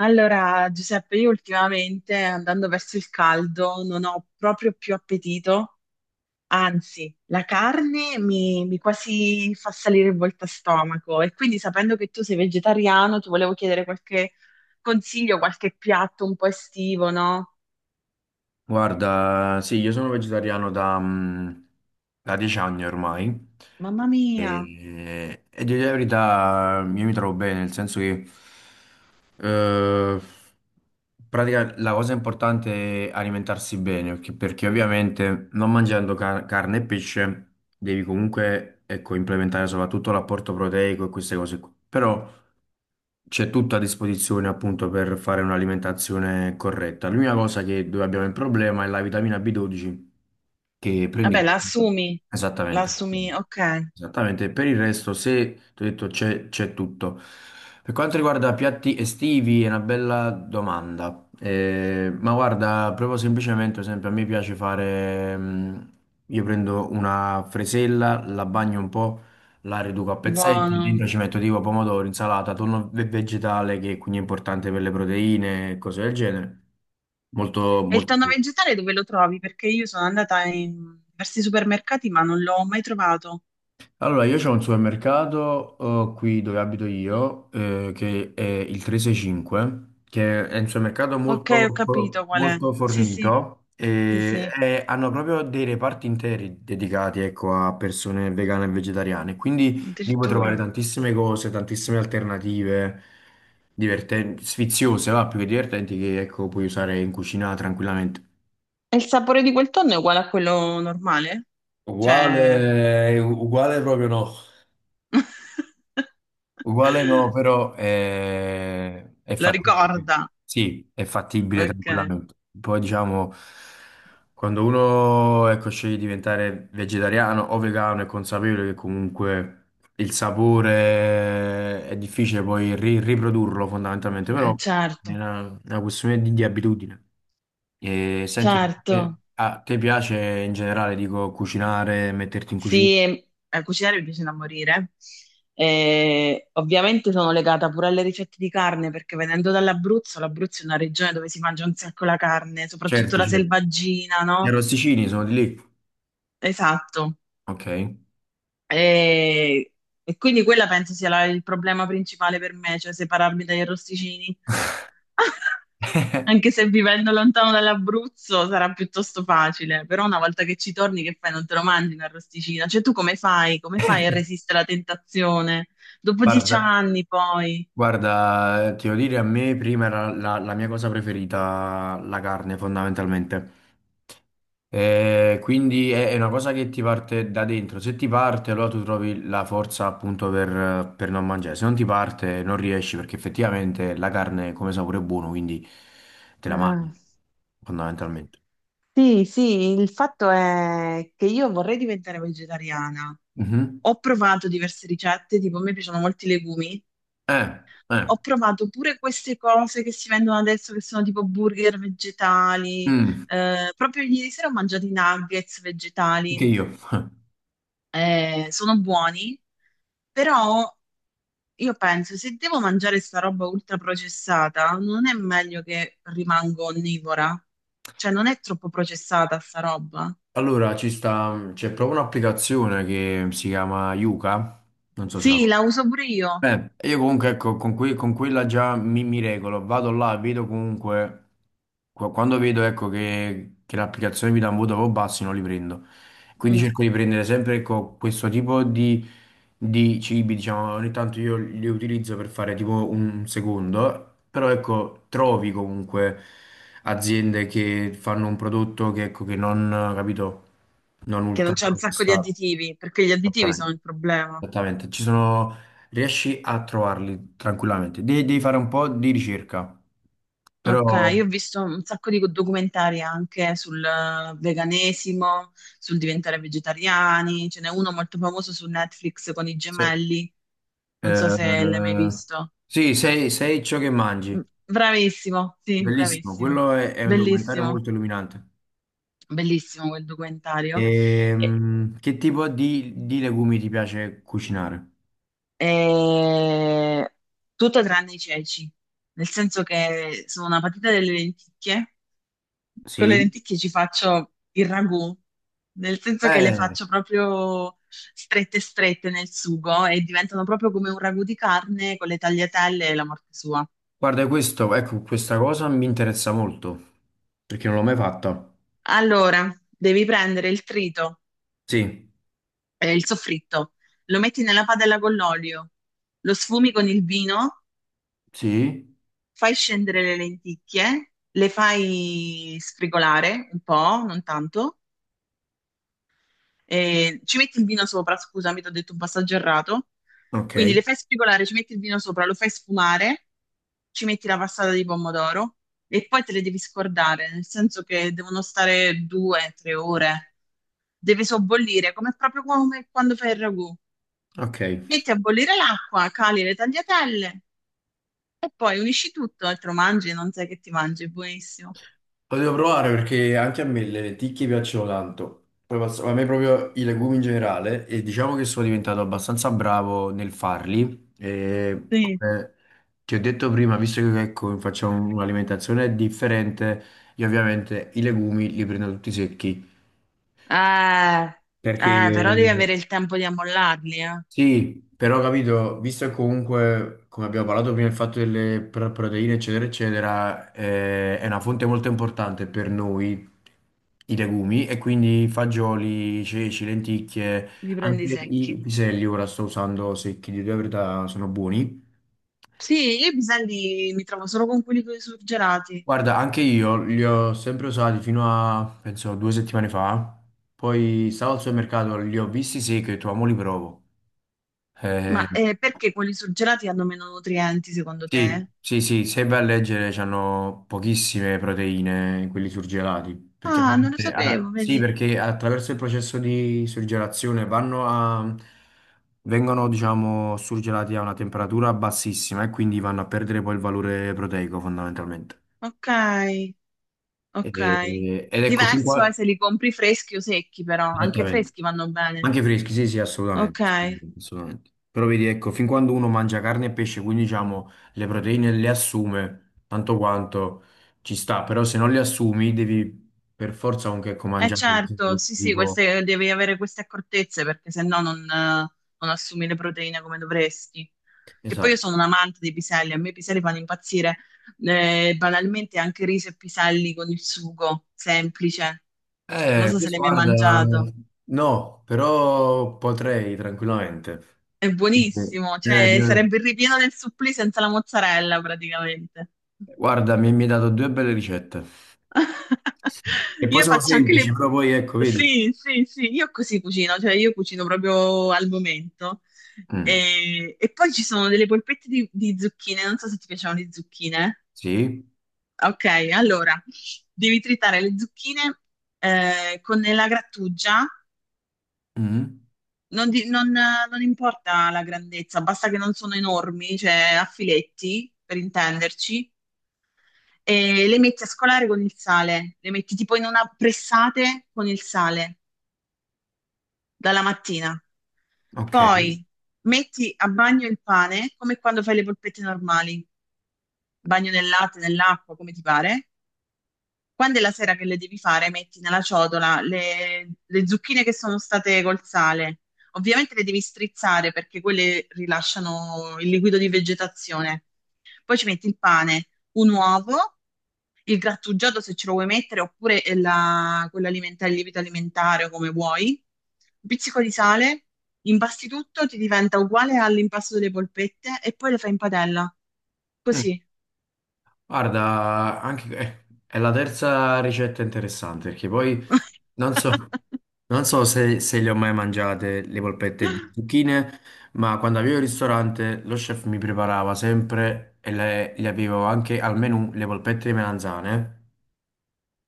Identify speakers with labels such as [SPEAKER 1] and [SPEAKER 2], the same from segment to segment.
[SPEAKER 1] Allora, Giuseppe, io ultimamente andando verso il caldo non ho proprio più appetito, anzi, la carne mi quasi fa salire il volto a stomaco e quindi sapendo che tu sei vegetariano, ti volevo chiedere qualche consiglio, qualche piatto un po' estivo, no?
[SPEAKER 2] Guarda, sì, io sono vegetariano da, da 10 anni ormai
[SPEAKER 1] Mamma mia!
[SPEAKER 2] e di la verità io mi trovo bene, nel senso che eh, pratica, la cosa importante è alimentarsi bene, perché ovviamente non mangiando carne e pesce devi comunque ecco, implementare soprattutto l'apporto proteico e queste cose qui. Però c'è tutto a disposizione appunto per fare un'alimentazione corretta. L'unica cosa che dove abbiamo il problema è la vitamina B12 che prendi
[SPEAKER 1] Vabbè, la
[SPEAKER 2] esattamente.
[SPEAKER 1] assumi, ok,
[SPEAKER 2] Esattamente, per il resto, se ti ho detto c'è tutto. Per quanto riguarda piatti estivi, è una bella domanda. Ma guarda, proprio semplicemente, per esempio, a me piace fare. Io prendo una fresella, la bagno un po', la riduco a pezzetti,
[SPEAKER 1] buono.
[SPEAKER 2] dentro ci metto tipo pomodoro, insalata, tonno vegetale che quindi è importante per le proteine e cose del genere. Molto,
[SPEAKER 1] E il
[SPEAKER 2] molto.
[SPEAKER 1] tonno
[SPEAKER 2] Sì.
[SPEAKER 1] vegetale dove lo trovi? Perché io sono andata in diversi supermercati ma non l'ho mai trovato.
[SPEAKER 2] Allora, io c'ho un supermercato qui dove abito io, che è il 365, che è un supermercato
[SPEAKER 1] Ok, ho
[SPEAKER 2] molto,
[SPEAKER 1] capito qual è.
[SPEAKER 2] molto
[SPEAKER 1] Sì, sì,
[SPEAKER 2] fornito
[SPEAKER 1] sì,
[SPEAKER 2] e,
[SPEAKER 1] sì,
[SPEAKER 2] e hanno proprio dei reparti interi dedicati, ecco, a persone vegane e vegetariane. Quindi lì puoi trovare
[SPEAKER 1] addirittura.
[SPEAKER 2] tantissime cose, tantissime alternative divertenti, sfiziose, va, più che divertenti, che, ecco, puoi usare in cucina tranquillamente.
[SPEAKER 1] E il sapore di quel tonno è uguale a quello normale? Cioè,
[SPEAKER 2] Uguale, uguale proprio no. Uguale no, però è,
[SPEAKER 1] lo
[SPEAKER 2] fattibile.
[SPEAKER 1] ricorda.
[SPEAKER 2] Sì, è fattibile
[SPEAKER 1] Ok.
[SPEAKER 2] tranquillamente. Poi diciamo, quando uno ecco, sceglie di diventare vegetariano o vegano è consapevole che comunque il sapore è difficile poi riprodurlo fondamentalmente, però è
[SPEAKER 1] Certo,
[SPEAKER 2] una questione di abitudine. E, senti,
[SPEAKER 1] certo.
[SPEAKER 2] a te piace in generale, dico, cucinare, metterti in cucina?
[SPEAKER 1] Sì, cucinare mi piace da morire. Ovviamente sono legata pure alle ricette di carne perché venendo dall'Abruzzo, l'Abruzzo è una regione dove si mangia un sacco la carne, soprattutto
[SPEAKER 2] Certo,
[SPEAKER 1] la
[SPEAKER 2] certo.
[SPEAKER 1] selvaggina,
[SPEAKER 2] Gli
[SPEAKER 1] no?
[SPEAKER 2] arrosticini sono di lì.
[SPEAKER 1] Esatto.
[SPEAKER 2] Ok.
[SPEAKER 1] E, e quindi quella penso sia la- il problema principale per me, cioè separarmi dagli arrosticini. Anche se vivendo lontano dall'Abruzzo sarà piuttosto facile, però una volta che ci torni, che fai? Non te lo mangi un arrosticino? Cioè, tu come fai? Come fai a resistere alla tentazione? Dopo dieci
[SPEAKER 2] Guarda,
[SPEAKER 1] anni, poi.
[SPEAKER 2] guarda, ti devo dire, a me prima era la mia cosa preferita, la carne, fondamentalmente. Quindi è una cosa che ti parte da dentro. Se ti parte, allora tu trovi la forza appunto per non mangiare. Se non ti parte, non riesci perché effettivamente la carne come sapore è buono, quindi te la
[SPEAKER 1] Ah,
[SPEAKER 2] mangi, fondamentalmente.
[SPEAKER 1] sì, sì, il fatto è che io vorrei diventare vegetariana.
[SPEAKER 2] Mhm.
[SPEAKER 1] Ho provato diverse ricette, tipo a me piacciono molti legumi,
[SPEAKER 2] Eh, eh,
[SPEAKER 1] ho provato pure queste cose che si vendono adesso, che sono tipo burger vegetali.
[SPEAKER 2] mm,
[SPEAKER 1] Proprio ieri sera ho mangiato i nuggets
[SPEAKER 2] anche
[SPEAKER 1] vegetali.
[SPEAKER 2] io.
[SPEAKER 1] Sono buoni, però io penso, se devo mangiare sta roba ultra processata, non è meglio che rimango onnivora? Cioè, non è troppo processata sta roba?
[SPEAKER 2] Allora, ci sta, c'è proprio un'applicazione che si chiama Yuka, non so se la
[SPEAKER 1] Sì, la uso pure io.
[SPEAKER 2] io comunque ecco, con, con quella già mi, mi regolo, vado là, vedo comunque, quando vedo ecco, che l'applicazione mi dà un voto proprio basso, non li prendo. Quindi
[SPEAKER 1] Mm,
[SPEAKER 2] cerco di prendere sempre ecco, questo tipo di cibi, diciamo, ogni tanto io li utilizzo per fare tipo un secondo, però ecco, trovi comunque aziende che fanno un prodotto che, ecco, che non, capito, non
[SPEAKER 1] che
[SPEAKER 2] ultra
[SPEAKER 1] non c'è un sacco di
[SPEAKER 2] processato.
[SPEAKER 1] additivi, perché gli additivi sono il problema.
[SPEAKER 2] Esattamente, ci sono... riesci a trovarli tranquillamente. Devi fare un po' di ricerca,
[SPEAKER 1] Ok,
[SPEAKER 2] però
[SPEAKER 1] io ho visto un sacco di documentari anche sul veganesimo, sul diventare vegetariani, ce n'è uno molto famoso su Netflix con i
[SPEAKER 2] se,
[SPEAKER 1] gemelli, non so se l'hai mai
[SPEAKER 2] eh,
[SPEAKER 1] visto.
[SPEAKER 2] sì, sei ciò che
[SPEAKER 1] Mm,
[SPEAKER 2] mangi.
[SPEAKER 1] bravissimo, sì,
[SPEAKER 2] Bellissimo,
[SPEAKER 1] bravissimo,
[SPEAKER 2] quello è un documentario
[SPEAKER 1] bellissimo,
[SPEAKER 2] molto illuminante.
[SPEAKER 1] bellissimo quel documentario. E-
[SPEAKER 2] Che tipo di legumi ti piace cucinare?
[SPEAKER 1] e- Tutto tranne i ceci, nel senso che sono una patita delle lenticchie, con le
[SPEAKER 2] Sì.
[SPEAKER 1] lenticchie ci faccio il ragù, nel senso che le
[SPEAKER 2] Eh,
[SPEAKER 1] faccio proprio strette strette nel sugo e diventano proprio come un ragù di carne con le tagliatelle e la morte sua.
[SPEAKER 2] guarda, questo, ecco, questa cosa mi interessa molto, perché non l'ho mai fatta.
[SPEAKER 1] Allora, devi prendere il trito,
[SPEAKER 2] Sì,
[SPEAKER 1] il soffritto, lo metti nella padella con l'olio, lo sfumi con il vino,
[SPEAKER 2] sì,
[SPEAKER 1] fai scendere le lenticchie, le fai sfrigolare un po', non tanto. Ci metti il vino sopra, scusami, ti ho detto un passaggio errato.
[SPEAKER 2] ok,
[SPEAKER 1] Quindi le fai spigolare, ci metti il vino sopra, lo fai sfumare, ci metti la passata di pomodoro e poi te le devi scordare, nel senso che devono stare due, tre ore. Deve sobbollire, come proprio come quando fai il ragù.
[SPEAKER 2] ok.
[SPEAKER 1] Metti a bollire l'acqua, cali le tagliatelle e poi unisci tutto e te lo mangi, non sai che ti mangi, è buonissimo.
[SPEAKER 2] Lo devo provare perché anche a me le lenticchie piacciono tanto. Poi a me proprio i legumi in generale e diciamo che sono diventato abbastanza bravo nel farli. E
[SPEAKER 1] Sì.
[SPEAKER 2] come ti ho detto prima, visto che ecco, facciamo un'alimentazione differente, io ovviamente i legumi li prendo tutti secchi
[SPEAKER 1] Eh,
[SPEAKER 2] perché
[SPEAKER 1] però devi avere il tempo di ammollarli, eh.
[SPEAKER 2] Sì, però ho capito, visto che comunque, come abbiamo parlato prima, il fatto delle proteine, eccetera, eccetera, è una fonte molto importante per noi, i legumi, e quindi fagioli, ceci, lenticchie,
[SPEAKER 1] Li prendi
[SPEAKER 2] anche i
[SPEAKER 1] secchi.
[SPEAKER 2] piselli, ora sto usando secchi, di verità sono buoni.
[SPEAKER 1] Sì, io i piselli mi trovo solo con quelli con i surgelati.
[SPEAKER 2] Guarda, anche io li ho sempre usati fino a, penso, 2 settimane fa, poi stavo al supermercato, li ho visti secchi e ho detto, "Ah, mo li provo. Eh,
[SPEAKER 1] Ma perché quelli surgelati hanno meno nutrienti, secondo
[SPEAKER 2] Sì,
[SPEAKER 1] te?
[SPEAKER 2] sì, sì, se vai a leggere c'hanno pochissime proteine quelli surgelati, perché
[SPEAKER 1] Ah, non lo
[SPEAKER 2] ovviamente- allora,
[SPEAKER 1] sapevo,
[SPEAKER 2] sì,
[SPEAKER 1] vedi?
[SPEAKER 2] perché attraverso il processo di surgelazione vanno a, vengono, diciamo, surgelati a una temperatura bassissima e quindi vanno a perdere poi il valore proteico fondamentalmente.
[SPEAKER 1] Ok, ok.
[SPEAKER 2] Ed ecco, fin
[SPEAKER 1] Diverso è
[SPEAKER 2] qua,
[SPEAKER 1] se li compri freschi o secchi, però. Anche
[SPEAKER 2] esattamente.
[SPEAKER 1] freschi vanno bene.
[SPEAKER 2] Anche freschi, sì, sì, assolutamente,
[SPEAKER 1] Ok.
[SPEAKER 2] assolutamente. Assolutamente. Però vedi, ecco, fin quando uno mangia carne e pesce, quindi diciamo le proteine le assume, tanto quanto ci sta, però se non le assumi devi per forza anche ecco,
[SPEAKER 1] Eh
[SPEAKER 2] mangiare
[SPEAKER 1] certo,
[SPEAKER 2] cose
[SPEAKER 1] sì, sì,
[SPEAKER 2] tipo...
[SPEAKER 1] queste, devi avere queste accortezze perché se no non, non assumi le proteine come dovresti. Che poi io
[SPEAKER 2] Esatto.
[SPEAKER 1] sono un amante dei piselli, a me i piselli fanno impazzire. Banalmente anche riso e piselli con il sugo, semplice. Non so se
[SPEAKER 2] Questo
[SPEAKER 1] l'hai mai
[SPEAKER 2] guarda,
[SPEAKER 1] mangiato.
[SPEAKER 2] no, però potrei tranquillamente.
[SPEAKER 1] È
[SPEAKER 2] Eh,
[SPEAKER 1] buonissimo, cioè
[SPEAKER 2] no.
[SPEAKER 1] sarebbe il ripieno del supplì senza la mozzarella praticamente.
[SPEAKER 2] Guarda, mi hai dato due belle ricette. E poi
[SPEAKER 1] Io
[SPEAKER 2] sono
[SPEAKER 1] faccio anche
[SPEAKER 2] semplici,
[SPEAKER 1] le...
[SPEAKER 2] però poi ecco, vedi.
[SPEAKER 1] Sì, sì, sì, io così cucino, cioè io cucino proprio al momento.
[SPEAKER 2] Mm,
[SPEAKER 1] E poi ci sono delle polpette di zucchine, non so se ti piacciono le zucchine.
[SPEAKER 2] sì.
[SPEAKER 1] Ok, allora, devi tritare le zucchine con la grattugia,
[SPEAKER 2] Mm,
[SPEAKER 1] non, di- non- non importa la grandezza, basta che non sono enormi, cioè a filetti, per intenderci, e le metti a scolare con il sale, le metti tipo in una pressate con il sale dalla mattina.
[SPEAKER 2] ok.
[SPEAKER 1] Poi metti a bagno il pane come quando fai le polpette normali, bagno nel latte, nell'acqua, come ti pare. Quando è la sera che le devi fare, metti nella ciotola le zucchine che sono state col sale. Ovviamente le devi strizzare perché quelle rilasciano il liquido di vegetazione. Poi ci metti il pane, un uovo, il grattugiato se ce lo vuoi mettere, oppure la- quell'alimentare, il lievito alimentare o come vuoi, un pizzico di sale, impasti tutto, ti diventa uguale all'impasto delle polpette e poi le fai in padella.
[SPEAKER 2] Mm.
[SPEAKER 1] Così.
[SPEAKER 2] Guarda, anche, è la terza ricetta interessante perché poi non so, non so se, se le ho mai mangiate le polpette di zucchine, ma quando avevo il ristorante lo chef mi preparava sempre e le avevo anche al menù le polpette di melanzane.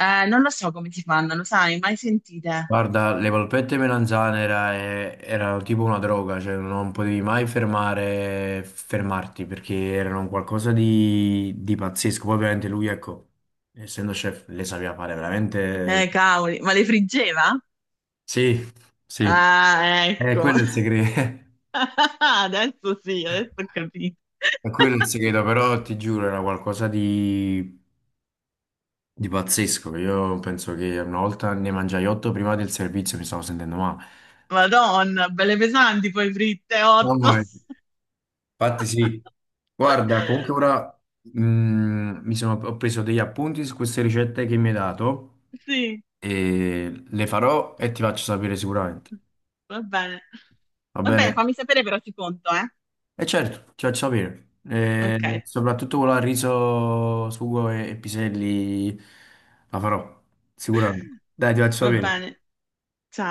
[SPEAKER 1] Non lo so come si fanno, lo sai, mai sentite?
[SPEAKER 2] Guarda, le polpette melanzane erano tipo una droga, cioè non potevi mai fermare, fermarti perché erano un qualcosa di pazzesco. Poi ovviamente lui, ecco, essendo chef, le sapeva fare veramente...
[SPEAKER 1] Cavoli, ma le friggeva?
[SPEAKER 2] Sì, sì,
[SPEAKER 1] Ah,
[SPEAKER 2] è
[SPEAKER 1] ecco.
[SPEAKER 2] quello è il segreto,
[SPEAKER 1] Adesso sì, adesso ho capito.
[SPEAKER 2] è quello il segreto, però ti giuro era qualcosa di pazzesco. Io penso che una volta ne mangiai 8 prima del servizio, mi stavo sentendo male.
[SPEAKER 1] Madonna, belle pesanti poi fritte, 8.
[SPEAKER 2] Mamma mia. Infatti sì, guarda, comunque ora mi sono, ho preso degli appunti su queste ricette che mi hai dato
[SPEAKER 1] Sì,
[SPEAKER 2] e le farò e ti faccio sapere sicuramente,
[SPEAKER 1] va bene.
[SPEAKER 2] va
[SPEAKER 1] Va bene,
[SPEAKER 2] bene?
[SPEAKER 1] fammi sapere però ci conto, eh.
[SPEAKER 2] E certo, ti faccio sapere, e
[SPEAKER 1] Ok,
[SPEAKER 2] soprattutto quella al riso, sugo e piselli la farò, sicuramente. Dai, ti faccio
[SPEAKER 1] va
[SPEAKER 2] sapere.
[SPEAKER 1] bene. Ciao.